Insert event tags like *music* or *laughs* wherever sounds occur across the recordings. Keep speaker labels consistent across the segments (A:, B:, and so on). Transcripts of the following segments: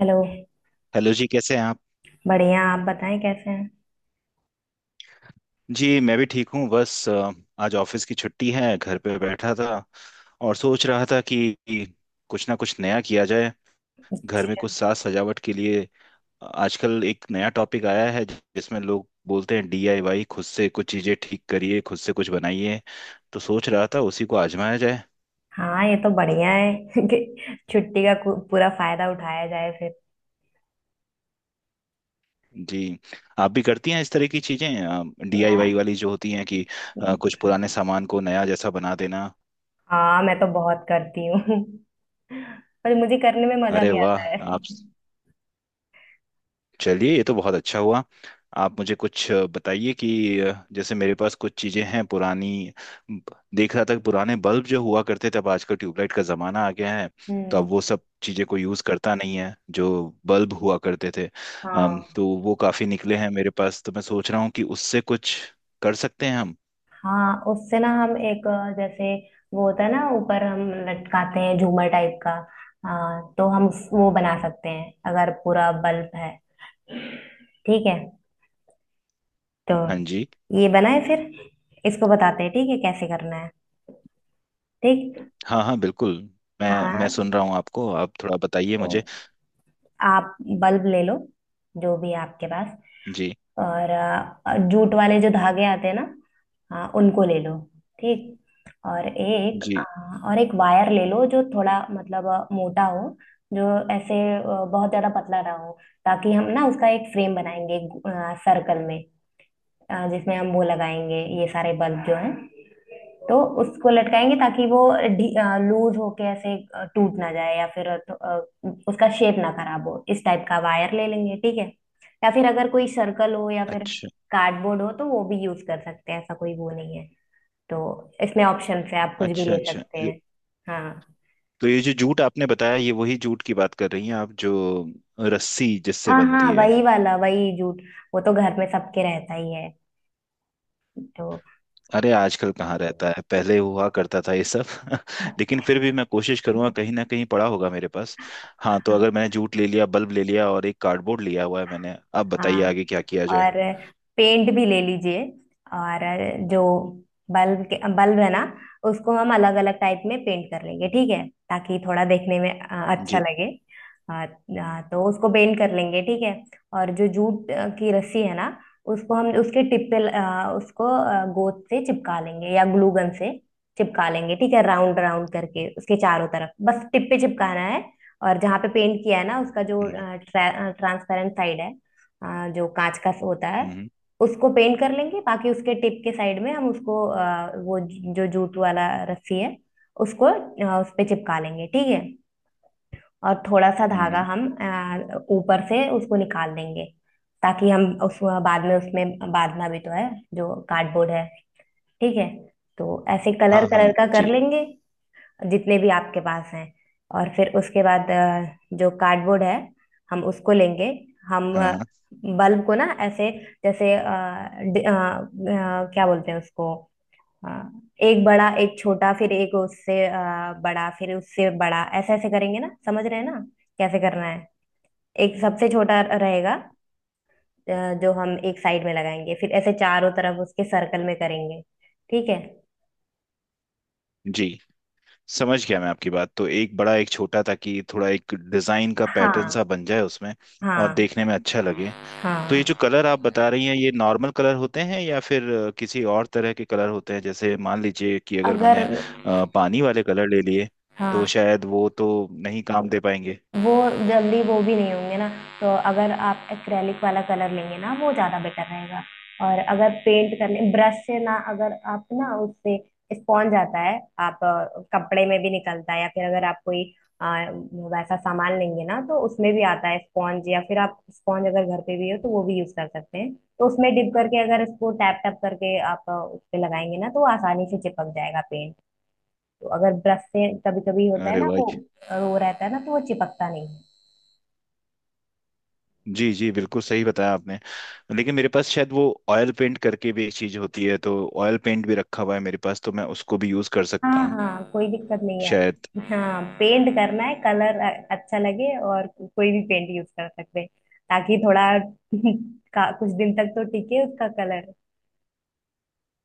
A: Hello.
B: Hello जी। कैसे हैं आप?
A: बढ़िया, आप बताएं कैसे हैं।
B: जी मैं भी ठीक हूँ। बस आज ऑफिस की छुट्टी है, घर पे बैठा था और सोच रहा था कि कुछ ना कुछ नया किया जाए, घर में कुछ साज सजावट के लिए। आजकल एक नया टॉपिक आया है जिसमें लोग बोलते हैं डीआईवाई। खुद से कुछ चीज़ें ठीक करिए, खुद से कुछ बनाइए। तो सोच रहा था उसी को आजमाया जाए।
A: हाँ, ये तो बढ़िया है *laughs* कि छुट्टी का पूरा फायदा उठाया जाए फिर।
B: जी, आप भी करती हैं इस तरह की चीज़ें, डीआईवाई वाली जो होती हैं कि
A: मैं-
B: कुछ पुराने सामान को नया जैसा बना देना।
A: हाँ, मैं तो बहुत करती हूँ *laughs* पर मुझे करने में मजा
B: अरे
A: भी
B: वाह।
A: आता है।
B: आप, चलिए ये तो बहुत अच्छा हुआ। आप मुझे कुछ बताइए कि जैसे मेरे पास कुछ चीज़ें हैं पुरानी। देख रहा था कि पुराने बल्ब जो हुआ करते थे, अब आजकल ट्यूबलाइट का ज़माना आ गया है। तो अब
A: हम्म।
B: वो सब चीज़ें को यूज़ करता नहीं है जो बल्ब हुआ करते थे।
A: हाँ,
B: तो वो काफ़ी निकले हैं मेरे पास, तो मैं सोच रहा हूँ कि उससे कुछ कर सकते हैं हम।
A: हाँ, उससे ना हम एक जैसे वो होता है ना, ऊपर हम लटकाते हैं झूमर टाइप का। हाँ, तो हम वो बना सकते हैं अगर पूरा बल्ब है। ठीक है, तो
B: हाँ जी।
A: ये बनाए फिर। इसको बताते हैं ठीक है कैसे करना है। ठीक।
B: हाँ हाँ बिल्कुल। मैं
A: हाँ,
B: सुन रहा हूँ आपको। आप थोड़ा बताइए
A: तो
B: मुझे।
A: आप बल्ब ले लो जो भी है आपके पास।
B: जी।
A: और जूट वाले जो धागे आते हैं ना, हाँ, उनको ले लो। ठीक। और एक
B: जी।
A: और एक वायर ले लो जो थोड़ा मतलब मोटा हो। जो ऐसे बहुत ज्यादा पतला ना हो, ताकि हम ना उसका एक फ्रेम बनाएंगे सर्कल में। जिसमें हम वो लगाएंगे ये सारे बल्ब जो हैं। तो उसको लटकाएंगे ताकि वो लूज होके ऐसे टूट ना जाए, या फिर उसका शेप ना खराब हो, इस टाइप का वायर ले लेंगे ठीक है। या फिर अगर कोई सर्कल हो, या फिर
B: अच्छा
A: कार्डबोर्ड हो तो वो भी यूज कर सकते हैं, ऐसा कोई वो नहीं है तो। इसमें ऑप्शन है, आप कुछ भी
B: अच्छा।
A: ले
B: अच्छा,
A: सकते हैं। हाँ।
B: तो ये जो जूट आपने बताया, ये वही जूट की बात कर रही हैं आप जो रस्सी जिससे
A: हाँ, हाँ,
B: बनती है?
A: वही वाला, वही जूट। वो तो घर में सबके रहता ही है तो।
B: अरे आजकल कहाँ रहता है, पहले हुआ करता था ये सब। *laughs* लेकिन फिर भी मैं कोशिश करूंगा, कहीं ना कहीं पड़ा होगा मेरे पास। हाँ, तो अगर मैंने जूट ले लिया, बल्ब ले लिया और एक कार्डबोर्ड लिया हुआ है मैंने, अब बताइए
A: हाँ,
B: आगे क्या किया जाए।
A: और पेंट भी ले लीजिए। और जो बल्ब के बल्ब है ना, उसको हम अलग अलग टाइप में पेंट कर लेंगे ठीक है, ताकि थोड़ा देखने में अच्छा
B: जी।
A: लगे। तो उसको पेंट कर लेंगे ठीक है। और जो जूट की रस्सी है ना, उसको हम उसके टिप पे उसको गोंद से चिपका लेंगे या ग्लू गन से चिपका लेंगे ठीक है। राउंड राउंड करके उसके चारों तरफ बस टिप पे चिपकाना है। और जहाँ पे पेंट किया है ना उसका जो
B: हम्म।
A: ट्रांसपेरेंट साइड है, जो कांच का होता है,
B: हम्म।
A: उसको पेंट कर लेंगे। बाकी उसके टिप के साइड में हम उसको वो जो जूट वाला रस्सी है, उसको उस पे चिपका लेंगे ठीक है। और थोड़ा सा
B: हम्म।
A: धागा हम ऊपर से उसको निकाल देंगे, ताकि हम उस बाद में उसमें बांधना भी तो है जो कार्डबोर्ड है। ठीक है। तो ऐसे कलर
B: हाँ
A: कलर
B: हाँ
A: का कर
B: जी।
A: लेंगे जितने भी आपके पास हैं। और फिर उसके बाद जो कार्डबोर्ड है, हम उसको लेंगे। हम
B: हाँ हाँ।
A: बल्ब को ना ऐसे, जैसे क्या बोलते हैं उसको, अ, एक बड़ा एक छोटा फिर एक उससे बड़ा फिर उससे बड़ा ऐसे ऐसे करेंगे ना, समझ रहे हैं ना कैसे करना है। एक सबसे छोटा रहेगा अ, जो हम एक साइड में लगाएंगे, फिर ऐसे चारों तरफ उसके सर्कल में करेंगे। ठीक है।
B: जी समझ गया मैं आपकी बात। तो एक बड़ा एक छोटा, ताकि थोड़ा एक डिजाइन का पैटर्न
A: हाँ,
B: सा बन जाए उसमें और
A: हाँ।
B: देखने में अच्छा लगे। तो ये
A: हाँ,
B: जो कलर आप बता रही हैं, ये नॉर्मल कलर होते हैं या फिर किसी और तरह के कलर होते हैं? जैसे मान लीजिए कि अगर
A: अगर,
B: मैंने पानी वाले कलर ले लिए, तो
A: हाँ
B: शायद वो तो नहीं काम दे पाएंगे।
A: वो जल्दी वो भी नहीं होंगे ना, तो अगर आप एक्रेलिक वाला कलर लेंगे ना वो ज़्यादा बेटर रहेगा। और अगर पेंट करने ब्रश से ना, अगर आप ना उससे स्पॉन्ज आता है, आप कपड़े में भी निकलता है, या फिर अगर आप कोई अ, वैसा सामान लेंगे ना तो उसमें भी आता है स्पॉन्ज, या फिर आप स्पॉन्ज अगर घर पे भी हो तो वो भी यूज कर सकते हैं। तो उसमें डिप करके अगर इसको टैप टैप करके आप उस पे लगाएंगे ना तो वो आसानी से चिपक जाएगा पेंट। तो अगर ब्रश से कभी कभी होता है
B: अरे
A: ना
B: वाह।
A: वो वो रहता है ना तो वो चिपकता नहीं है।
B: जी जी, बिल्कुल सही बताया आपने। लेकिन मेरे पास शायद वो ऑयल पेंट करके भी एक चीज होती है, तो ऑयल पेंट भी रखा हुआ है मेरे पास, तो मैं उसको भी यूज कर सकता
A: हाँ,
B: हूँ
A: हाँ, कोई दिक्कत नहीं है।
B: शायद।
A: हाँ पेंट करना है कलर अच्छा लगे, और कोई भी पेंट यूज कर सकते हैं, ताकि थोड़ा *laughs* का कुछ दिन तक तो टिके उसका कलर।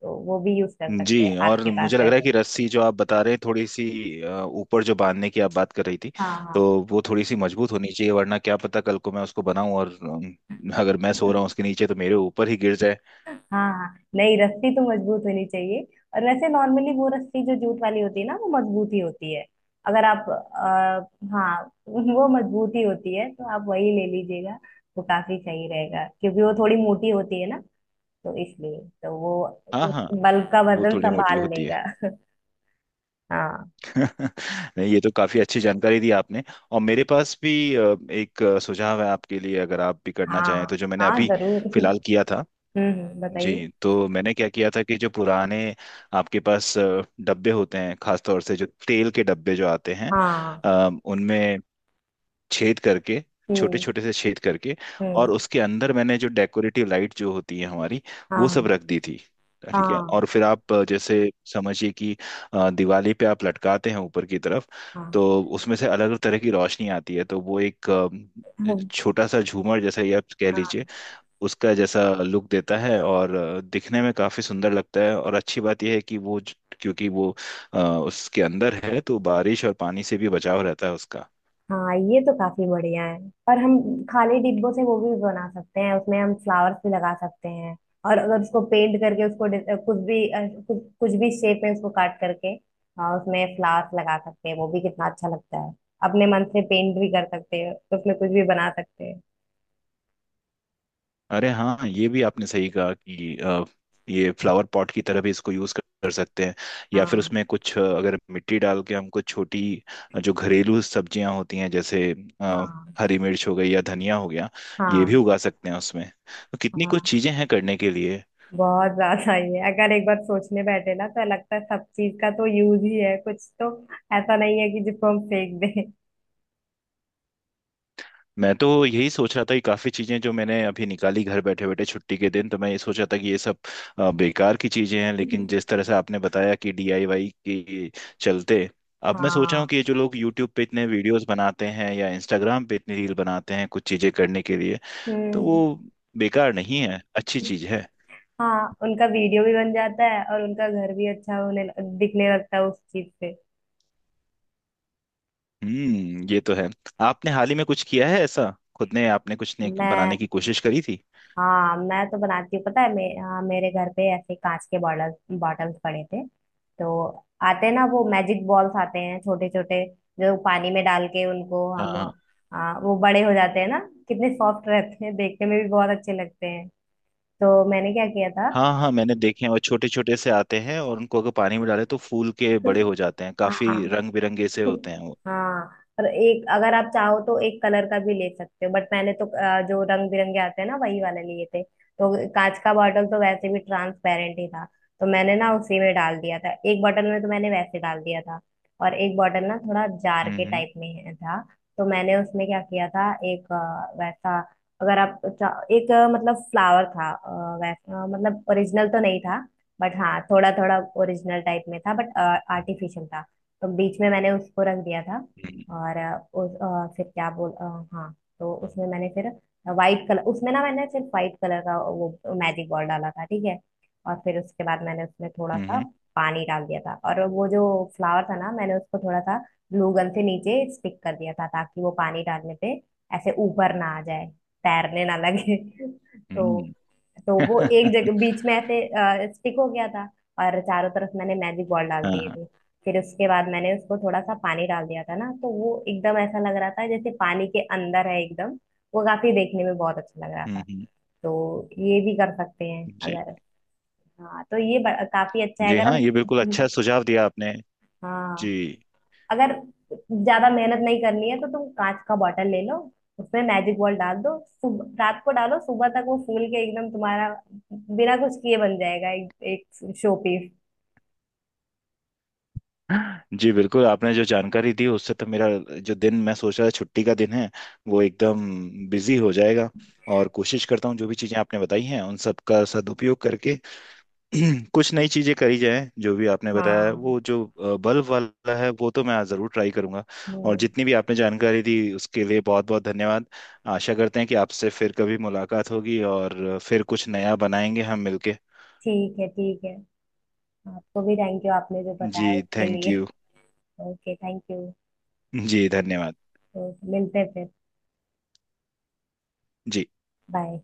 A: तो वो भी यूज कर सकते हैं
B: जी, और
A: आपके पास
B: मुझे लग
A: है
B: रहा है
A: तो।
B: कि रस्सी जो आप बता रहे हैं थोड़ी सी, ऊपर जो बांधने की आप बात कर रही थी,
A: हाँ, हाँ।
B: तो वो थोड़ी सी मजबूत होनी चाहिए, वरना क्या पता कल को मैं उसको बनाऊं और अगर मैं सो रहा हूँ उसके नीचे तो मेरे ऊपर ही गिर जाए।
A: हाँ, हाँ, नहीं, रस्सी तो मजबूत होनी चाहिए। और वैसे नॉर्मली वो रस्सी जो जूट वाली होती है ना वो मजबूत ही होती है। अगर आप हाँ वो मजबूत ही होती है, तो आप वही ले लीजिएगा। वो काफी सही रहेगा, क्योंकि वो थोड़ी मोटी होती है ना, तो इसलिए तो वो
B: हाँ
A: उस
B: हाँ।
A: बल का
B: वो
A: वजन
B: थोड़ी मोटी
A: संभाल
B: होती है।
A: लेगा। हाँ,
B: *laughs* नहीं, ये तो काफी अच्छी जानकारी दी आपने। और मेरे पास भी एक सुझाव है आपके लिए, अगर आप भी करना चाहें,
A: हाँ,
B: तो जो मैंने
A: हाँ
B: अभी
A: जरूर।
B: फिलहाल किया था। जी,
A: बताइए।
B: तो मैंने क्या किया था कि जो पुराने आपके पास डब्बे होते हैं, खासतौर से जो तेल के डब्बे जो आते हैं,
A: हाँ।
B: उनमें छेद करके, छोटे
A: हम्म।
B: छोटे से छेद करके,
A: हम्म।
B: और उसके अंदर मैंने जो डेकोरेटिव लाइट जो होती है हमारी, वो सब
A: हाँ,
B: रख दी थी। ठीक है,
A: हाँ।
B: और फिर आप जैसे समझिए कि दिवाली पे आप लटकाते हैं ऊपर की तरफ,
A: हाँ।
B: तो उसमें से अलग अलग तरह की रोशनी आती है। तो वो एक
A: हम्म।
B: छोटा सा झूमर जैसा, ये आप कह लीजिए,
A: हाँ,
B: उसका जैसा लुक देता है और दिखने में काफी सुंदर लगता है। और अच्छी बात यह है कि वो क्योंकि वो उसके अंदर है, तो बारिश और पानी से भी बचाव रहता है उसका।
A: हाँ, ये तो काफी बढ़िया है। और हम खाली डिब्बों से वो भी बना सकते हैं, उसमें हम फ्लावर्स भी लगा सकते हैं। और अगर उसको पेंट करके उसको कुछ भी कुछ कुछ भी शेप में उसको काट करके, हाँ, उसमें फ्लावर्स लगा सकते हैं। वो भी कितना अच्छा लगता है। अपने मन से पेंट भी कर सकते हैं, उसमें कुछ भी बना सकते हैं।
B: अरे हाँ, ये भी आपने सही कहा कि ये फ्लावर पॉट की तरह भी इसको यूज कर कर सकते हैं। या
A: हाँ।
B: फिर उसमें कुछ अगर मिट्टी डाल के हम कुछ छोटी जो घरेलू सब्जियां होती हैं, जैसे अ,
A: हाँ,
B: हरी मिर्च हो गई या धनिया हो गया, ये भी
A: हाँ।
B: उगा सकते हैं उसमें। तो कितनी
A: हाँ,
B: कुछ चीजें हैं करने के लिए।
A: बहुत ज्यादा ही है, अगर एक बार सोचने बैठे ना तो लगता है सब चीज का तो यूज ही है कुछ तो। ऐसा नहीं है कि जिसको हम फेंक दें।
B: मैं तो यही सोच रहा था कि काफ़ी चीज़ें जो मैंने अभी निकाली घर बैठे बैठे छुट्टी के दिन, तो मैं ये सोच रहा था कि ये सब बेकार की चीज़ें हैं। लेकिन जिस तरह से आपने बताया कि डीआईवाई के चलते, अब मैं सोच रहा हूँ
A: हाँ।
B: कि ये जो लोग यूट्यूब पे इतने वीडियोस बनाते हैं या इंस्टाग्राम पे इतनी रील बनाते हैं कुछ चीज़ें करने के लिए, तो वो
A: हम्म।
B: बेकार नहीं है, अच्छी चीज़ है।
A: हाँ, उनका वीडियो भी बन जाता है और उनका घर भी अच्छा होने दिखने लगता है उस चीज से।
B: हम्म, ये तो है। आपने हाल ही में कुछ किया है ऐसा? खुद ने आपने कुछ ने
A: मैं,
B: बनाने की कोशिश करी थी?
A: हाँ, मैं तो बनाती हूँ, पता है हाँ, मेरे घर पे ऐसे कांच के बॉटल्स पड़े थे। तो आते हैं ना वो मैजिक बॉल्स आते हैं छोटे छोटे, जो पानी में डाल के उनको हम वो बड़े हो जाते हैं ना। कितने सॉफ्ट रहते हैं, देखने में भी बहुत अच्छे लगते हैं। तो मैंने क्या किया था।
B: हाँ हाँ, मैंने देखे हैं वो, छोटे छोटे से आते हैं और उनको अगर पानी में डाले तो फूल के बड़े हो जाते हैं,
A: *laughs* हाँ,
B: काफी रंग बिरंगे से होते हैं वो।
A: हाँ। और एक, अगर आप चाहो तो एक कलर का भी ले सकते हो, बट मैंने तो जो रंग बिरंगे आते हैं ना वही वाले लिए थे। तो कांच का बॉटल तो वैसे भी ट्रांसपेरेंट ही था, तो मैंने ना उसी में डाल दिया था। एक बॉटल में तो मैंने वैसे डाल दिया था। और एक बॉटल ना थोड़ा जार के
B: हम्म।
A: टाइप में था। तो मैंने उसमें क्या किया था, एक वैसा, अगर आप एक मतलब फ्लावर था वैसा, मतलब ओरिजिनल तो नहीं था, बट हाँ थोड़ा थोड़ा ओरिजिनल टाइप में था, बट आर्टिफिशियल था। तो बीच में मैंने उसको रख दिया था।
B: हम्म।
A: और अ, उस अ, फिर क्या बोल अ, हाँ, तो उसमें मैंने फिर वाइट कलर, उसमें ना मैंने सिर्फ वाइट कलर का वो मैजिक बॉल डाला था ठीक है। और फिर उसके बाद मैंने उसमें थोड़ा
B: हम्म।
A: सा
B: हम्म।
A: पानी डाल दिया था, और वो जो फ्लावर था ना मैंने उसको थोड़ा सा ग्लू गन से नीचे स्टिक कर दिया था, ताकि वो पानी डालने पे ऐसे ऊपर ना आ जाए, तैरने ना लगे। *laughs* तो
B: हम्म।
A: तो वो एक
B: *laughs*
A: जगह बीच में ऐसे स्टिक हो गया था। और चारों तरफ मैंने मैजिक बॉल डाल
B: हाँ
A: दिए
B: हाँ।
A: थे। फिर उसके बाद मैंने उसको थोड़ा सा पानी डाल दिया था ना तो वो एकदम ऐसा लग रहा था जैसे पानी के अंदर है एकदम। वो काफी देखने में बहुत अच्छा लग रहा
B: हम्म,
A: था।
B: हम्म।
A: तो ये भी कर सकते हैं
B: जी।
A: अगर। हाँ, तो ये काफी अच्छा है
B: जी
A: अगर
B: हाँ, ये बिल्कुल अच्छा
A: हम।
B: सुझाव दिया आपने।
A: हाँ,
B: जी।
A: अगर ज्यादा मेहनत नहीं करनी है तो तुम कांच का बॉटल ले लो, उसमें मैजिक बॉल डाल दो, सुबह, रात को डालो सुबह तक वो फूल के एकदम तुम्हारा बिना कुछ किए बन जाएगा एक, एक शो पीस।
B: जी बिल्कुल, आपने जो जानकारी दी उससे तो मेरा जो दिन मैं सोच रहा था छुट्टी का दिन है, वो एकदम बिजी हो जाएगा। और कोशिश करता हूँ जो भी चीजें आपने बताई हैं उन सब का सदुपयोग करके *clears throat* कुछ नई चीजें करी जाए, जो भी आपने बताया है।
A: हाँ।
B: वो जो बल्ब वाला है, वो तो मैं जरूर ट्राई करूंगा। और
A: हम्म,
B: जितनी भी आपने जानकारी दी उसके लिए बहुत बहुत धन्यवाद। आशा करते हैं कि आपसे फिर कभी मुलाकात होगी और फिर कुछ नया बनाएंगे हम मिलके।
A: ठीक है, ठीक है। आपको भी थैंक यू आपने जो
B: जी
A: बताया उसके
B: थैंक
A: लिए।
B: यू।
A: Okay, thank you.
B: जी धन्यवाद।
A: तो मिलते हैं फिर।
B: जी।
A: बाय।